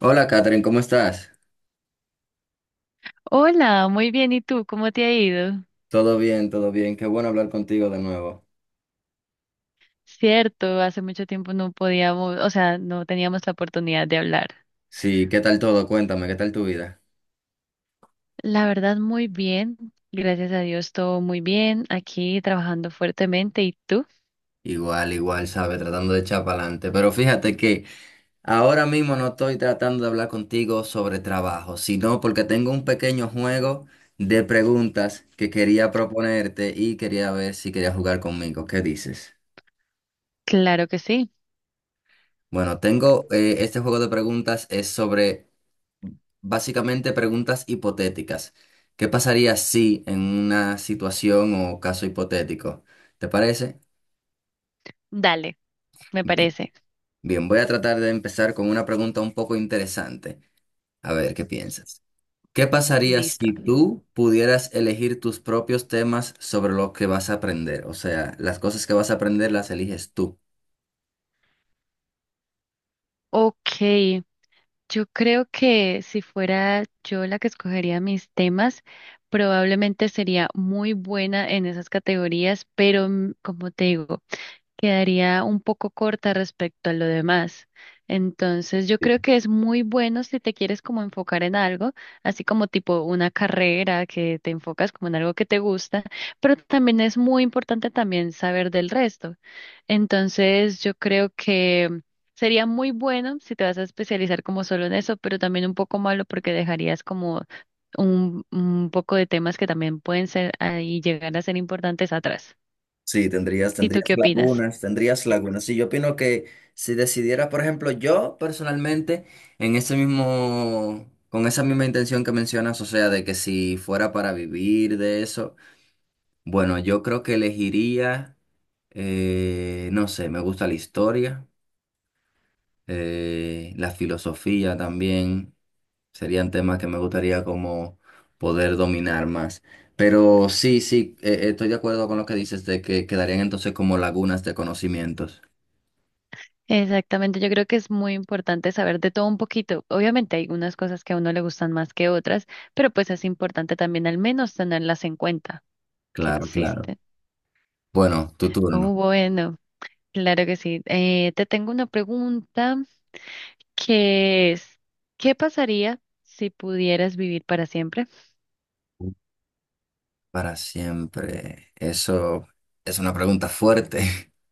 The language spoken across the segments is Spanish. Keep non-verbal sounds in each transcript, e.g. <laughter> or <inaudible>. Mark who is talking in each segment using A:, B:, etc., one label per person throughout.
A: Hola, Catherine, ¿cómo estás?
B: Hola, muy bien. ¿Y tú? ¿Cómo te ha ido?
A: Todo bien, todo bien. Qué bueno hablar contigo de nuevo.
B: Cierto, hace mucho tiempo no podíamos, o sea, no teníamos la oportunidad de hablar.
A: Sí, ¿qué tal todo? Cuéntame, ¿qué tal tu vida?
B: La verdad, muy bien. Gracias a Dios, todo muy bien. Aquí trabajando fuertemente. ¿Y tú?
A: Igual, igual, sabe, tratando de echar para adelante. Pero fíjate que ahora mismo no estoy tratando de hablar contigo sobre trabajo, sino porque tengo un pequeño juego de preguntas que quería proponerte y quería ver si querías jugar conmigo. ¿Qué dices?
B: Claro que sí.
A: Bueno, tengo este juego de preguntas es sobre básicamente preguntas hipotéticas. ¿Qué pasaría si en una situación o caso hipotético? ¿Te parece?
B: Dale, me
A: Bien.
B: parece.
A: Bien, voy a tratar de empezar con una pregunta un poco interesante. A ver, ¿qué piensas? ¿Qué pasaría
B: Listo.
A: si tú pudieras elegir tus propios temas sobre lo que vas a aprender? O sea, las cosas que vas a aprender las eliges tú.
B: Ok, yo creo que si fuera yo la que escogería mis temas, probablemente sería muy buena en esas categorías, pero como te digo, quedaría un poco corta respecto a lo demás. Entonces, yo creo que es muy bueno si te quieres como enfocar en algo, así como tipo una carrera que te enfocas como en algo que te gusta, pero también es muy importante también saber del resto. Entonces, yo creo que sería muy bueno si te vas a especializar como solo en eso, pero también un poco malo porque dejarías como un poco de temas que también pueden ser y llegar a ser importantes atrás.
A: Sí, tendrías,
B: ¿Y tú
A: tendrías
B: qué opinas?
A: lagunas, tendrías lagunas. Sí, yo opino que si decidiera, por ejemplo, yo personalmente, en ese mismo, con esa misma intención que mencionas, o sea, de que si fuera para vivir de eso, bueno, yo creo que elegiría, no sé, me gusta la historia, la filosofía también. Serían temas que me gustaría como poder dominar más. Pero sí, sí, estoy de acuerdo con lo que dices de que quedarían entonces como lagunas de conocimientos.
B: Exactamente, yo creo que es muy importante saber de todo un poquito. Obviamente hay unas cosas que a uno le gustan más que otras, pero pues es importante también al menos tenerlas en cuenta que
A: Claro, claro.
B: existen.
A: Bueno, tu
B: Oh,
A: turno.
B: bueno, claro que sí. Te tengo una pregunta que es, ¿qué pasaría si pudieras vivir para siempre?
A: Para siempre. Eso es una pregunta fuerte. <laughs>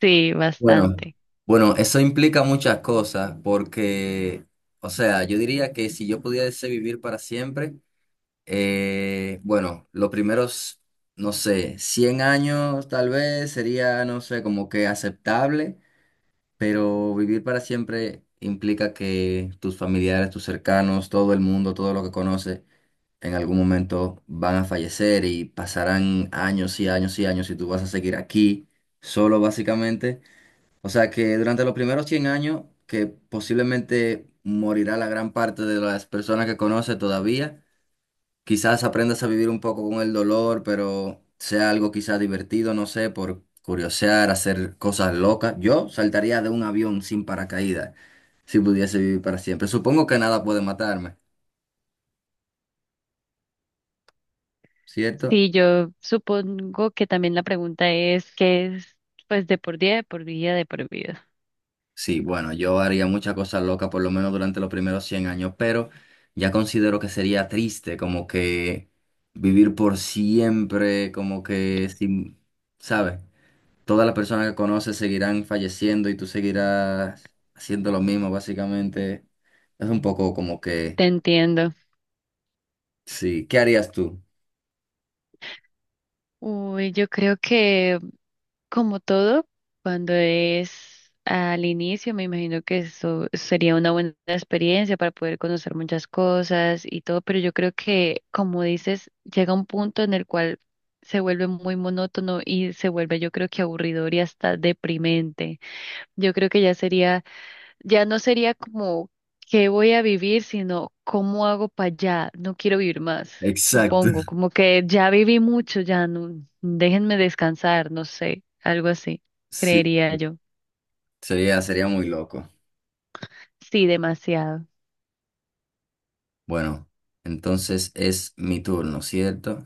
B: Sí,
A: Bueno,
B: bastante.
A: bueno, eso implica muchas cosas porque, o sea, yo diría que si yo pudiese vivir para siempre, bueno, los primeros, no sé, 100 años tal vez sería, no sé, como que aceptable, pero vivir para siempre implica que tus familiares, tus cercanos, todo el mundo, todo lo que conoces, en algún momento van a fallecer y pasarán años y años y años y tú vas a seguir aquí solo básicamente. O sea que durante los primeros 100 años, que posiblemente morirá la gran parte de las personas que conoces todavía. Quizás aprendas a vivir un poco con el dolor, pero sea algo quizás divertido, no sé, por curiosear, hacer cosas locas. Yo saltaría de un avión sin paracaídas si pudiese vivir para siempre. Supongo que nada puede matarme, ¿cierto?
B: Sí, yo supongo que también la pregunta es, ¿qué es pues de por día, de por vida, de por vida?
A: Sí, bueno, yo haría muchas cosas locas por lo menos durante los primeros 100 años, pero ya considero que sería triste como que vivir por siempre, como que sin, ¿sabes?, todas las personas que conoces seguirán falleciendo y tú seguirás haciendo lo mismo, básicamente. Es un poco como que,
B: Te entiendo.
A: sí, ¿qué harías tú?
B: Uy, yo creo que como todo, cuando es al inicio, me imagino que eso sería una buena experiencia para poder conocer muchas cosas y todo, pero yo creo que, como dices, llega un punto en el cual se vuelve muy monótono y se vuelve, yo creo que aburridor y hasta deprimente. Yo creo que ya sería, ya no sería como qué voy a vivir, sino cómo hago para allá. No quiero vivir más,
A: Exacto,
B: supongo. Como que ya viví mucho, ya no, déjenme descansar, no sé, algo así,
A: sí.
B: creería yo.
A: Sería, sería muy loco.
B: Sí, demasiado.
A: Bueno, entonces es mi turno, ¿cierto?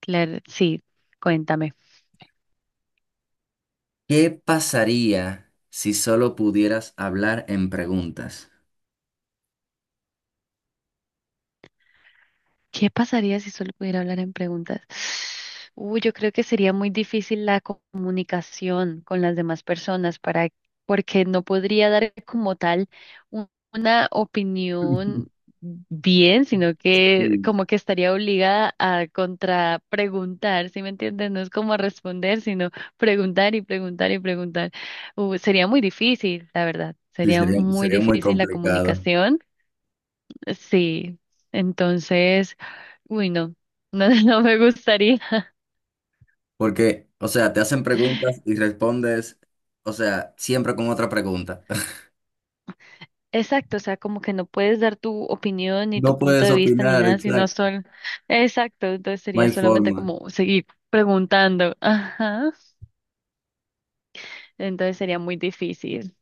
B: Claro, sí, cuéntame.
A: ¿Qué pasaría si solo pudieras hablar en preguntas?
B: ¿Qué pasaría si solo pudiera hablar en preguntas? Uy, yo creo que sería muy difícil la comunicación con las demás personas, para, porque no podría dar como tal una opinión
A: <laughs>
B: bien, sino que
A: Sí.
B: como que estaría obligada a contrapreguntar, ¿sí me entiendes? No es como responder, sino preguntar y preguntar y preguntar. Sería muy difícil, la verdad.
A: Sí,
B: Sería
A: sería,
B: muy
A: sería muy
B: difícil la
A: complicado.
B: comunicación. Sí, entonces, uy, no, no, <laughs> no me gustaría.
A: Porque, o sea, te hacen preguntas y respondes, o sea, siempre con otra pregunta.
B: Exacto, o sea, como que no puedes dar tu opinión ni tu
A: No
B: punto
A: puedes
B: de vista ni
A: opinar,
B: nada, sino
A: exacto.
B: solo... Exacto, entonces
A: No
B: sería
A: hay
B: solamente
A: forma.
B: como seguir preguntando. Ajá, entonces sería muy difícil.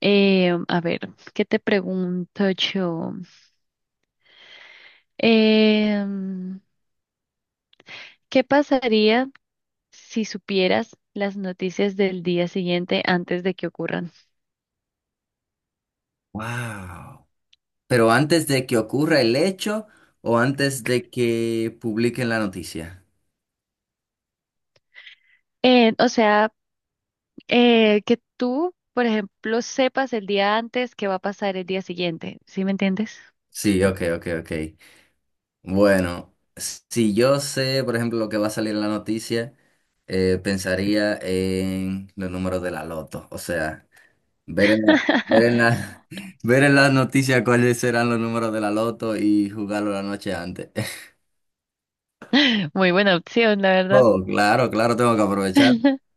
B: A ver, ¿qué te pregunto yo? Em, ¿Qué pasaría si supieras las noticias del día siguiente antes de que ocurran?
A: Wow. Pero antes de que ocurra el hecho o antes de que publiquen la noticia.
B: O sea... que tú, por ejemplo, sepas el día antes qué va a pasar el día siguiente. ¿Sí me entiendes?
A: Sí, ok, ok, ok. Bueno, si yo sé, por ejemplo, lo que va a salir en la noticia, pensaría en los números de la loto. O sea, ver en la, ver en la,
B: <laughs>
A: <laughs> ver en las noticias cuáles serán los números de la loto y jugarlo la noche antes. <laughs>
B: Muy buena opción, la verdad.
A: Oh, claro, claro, tengo que aprovechar.
B: <laughs>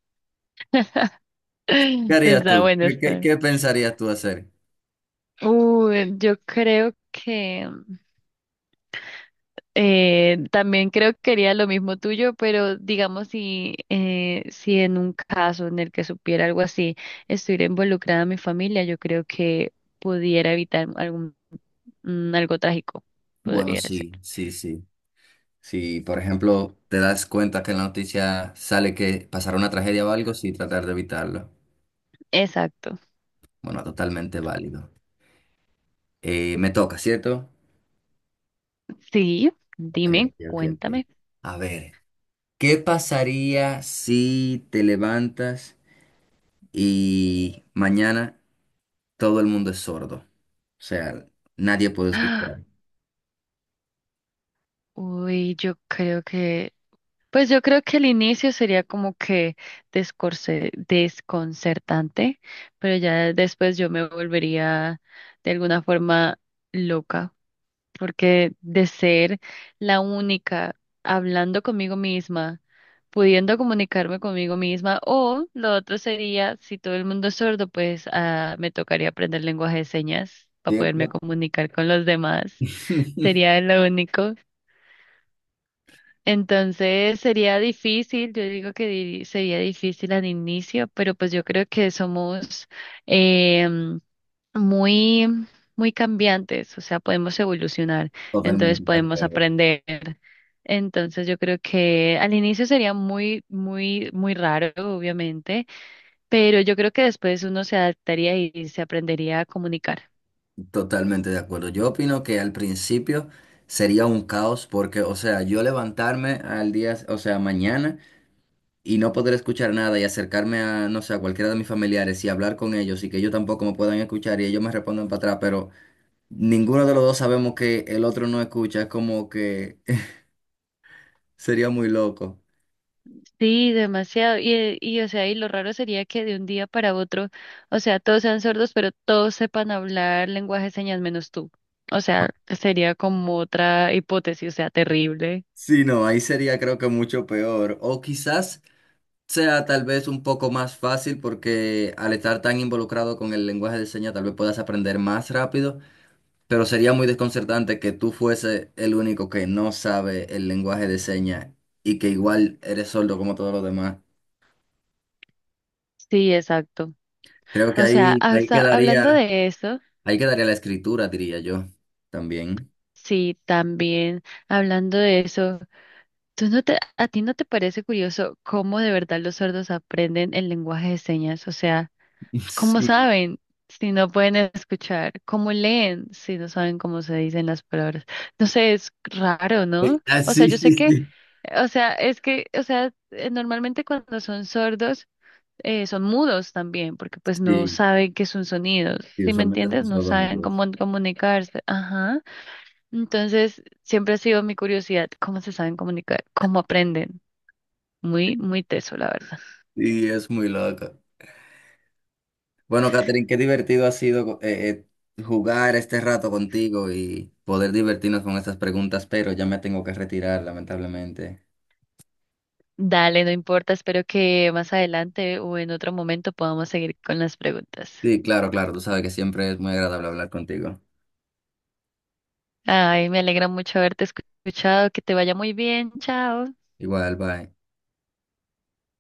A: ¿Qué harías
B: Está
A: tú?
B: bueno,
A: ¿Qué, qué-
B: está.
A: qué pensarías tú hacer?
B: Uy, yo creo que también creo que quería lo mismo tuyo, pero digamos si, si en un caso en el que supiera algo así, estuviera involucrada mi familia, yo creo que pudiera evitar algún, algo trágico,
A: Bueno,
B: podría ser.
A: sí, sí, sí. Si, por ejemplo, te das cuenta que en la noticia sale que pasará una tragedia o algo, sí, tratar de evitarlo.
B: Exacto.
A: Bueno, totalmente válido. Me toca, ¿cierto?
B: Sí,
A: Ok,
B: dime,
A: ok, ok, ok.
B: cuéntame.
A: A ver, ¿qué pasaría si te levantas y mañana todo el mundo es sordo? O sea, nadie puede
B: ¡Ah!
A: escuchar,
B: Uy, yo creo que, pues yo creo que el inicio sería como que desconcertante, pero ya después yo me volvería de alguna forma loca, porque de ser la única hablando conmigo misma, pudiendo comunicarme conmigo misma, o lo otro sería, si todo el mundo es sordo, pues me tocaría aprender lenguaje de señas para poderme
A: ¿cierto?
B: comunicar con los demás.
A: <laughs>
B: Sería lo único. Entonces sería difícil, yo digo que sería difícil al inicio, pero pues yo creo que somos em, muy, muy cambiantes, o sea, podemos evolucionar, entonces
A: Totalmente de
B: podemos
A: acuerdo.
B: aprender. Entonces yo creo que al inicio sería muy, muy, muy raro, obviamente, pero yo creo que después uno se adaptaría y se aprendería a comunicar.
A: Totalmente de acuerdo. Yo opino que al principio sería un caos porque, o sea, yo levantarme al día, o sea, mañana y no poder escuchar nada y acercarme a, no sé, a cualquiera de mis familiares y hablar con ellos y que ellos tampoco me puedan escuchar y ellos me respondan para atrás, pero ninguno de los dos sabemos que el otro no escucha, es como que <laughs> sería muy loco.
B: Sí, demasiado. Y, o sea, y lo raro sería que de un día para otro, o sea, todos sean sordos, pero todos sepan hablar lenguaje de señas menos tú. O sea, sería como otra hipótesis, o sea, terrible.
A: Sí, no, ahí sería creo que mucho peor. O quizás sea tal vez un poco más fácil porque al estar tan involucrado con el lenguaje de señas tal vez puedas aprender más rápido. Pero sería muy desconcertante que tú fuese el único que no sabe el lenguaje de señas y que igual eres sordo como todos los demás.
B: Sí, exacto.
A: Creo que
B: O sea, hasta hablando de eso,
A: ahí quedaría la escritura, diría yo, también.
B: sí, también hablando de eso, ¿tú no te, a ti no te parece curioso cómo de verdad los sordos aprenden el lenguaje de señas? O sea,
A: <laughs>
B: ¿cómo
A: Sí.
B: saben si no pueden escuchar? ¿Cómo leen si no saben cómo se dicen las palabras? No sé, es raro, ¿no?
A: Ah,
B: O sea,
A: sí,
B: yo sé
A: sí,
B: que,
A: sí.
B: o sea, es que, o sea, normalmente cuando son sordos, son mudos también, porque pues no
A: Sí,
B: saben qué es un sonido,
A: sí,
B: ¿sí me
A: usualmente
B: entiendes?
A: somos
B: No saben
A: sordomudos.
B: cómo comunicarse. Ajá. Entonces, siempre ha sido mi curiosidad, ¿cómo se saben comunicar? ¿Cómo aprenden? Muy, muy teso, la verdad.
A: Sí, es muy loco. Bueno, Catherine, qué divertido ha sido jugar este rato contigo y poder divertirnos con estas preguntas, pero ya me tengo que retirar, lamentablemente.
B: Dale, no importa, espero que más adelante o en otro momento podamos seguir con las preguntas.
A: Sí, claro, claro, tú sabes que siempre es muy agradable hablar contigo.
B: Ay, me alegra mucho haberte escuchado, que te vaya muy bien, chao.
A: Igual, bye.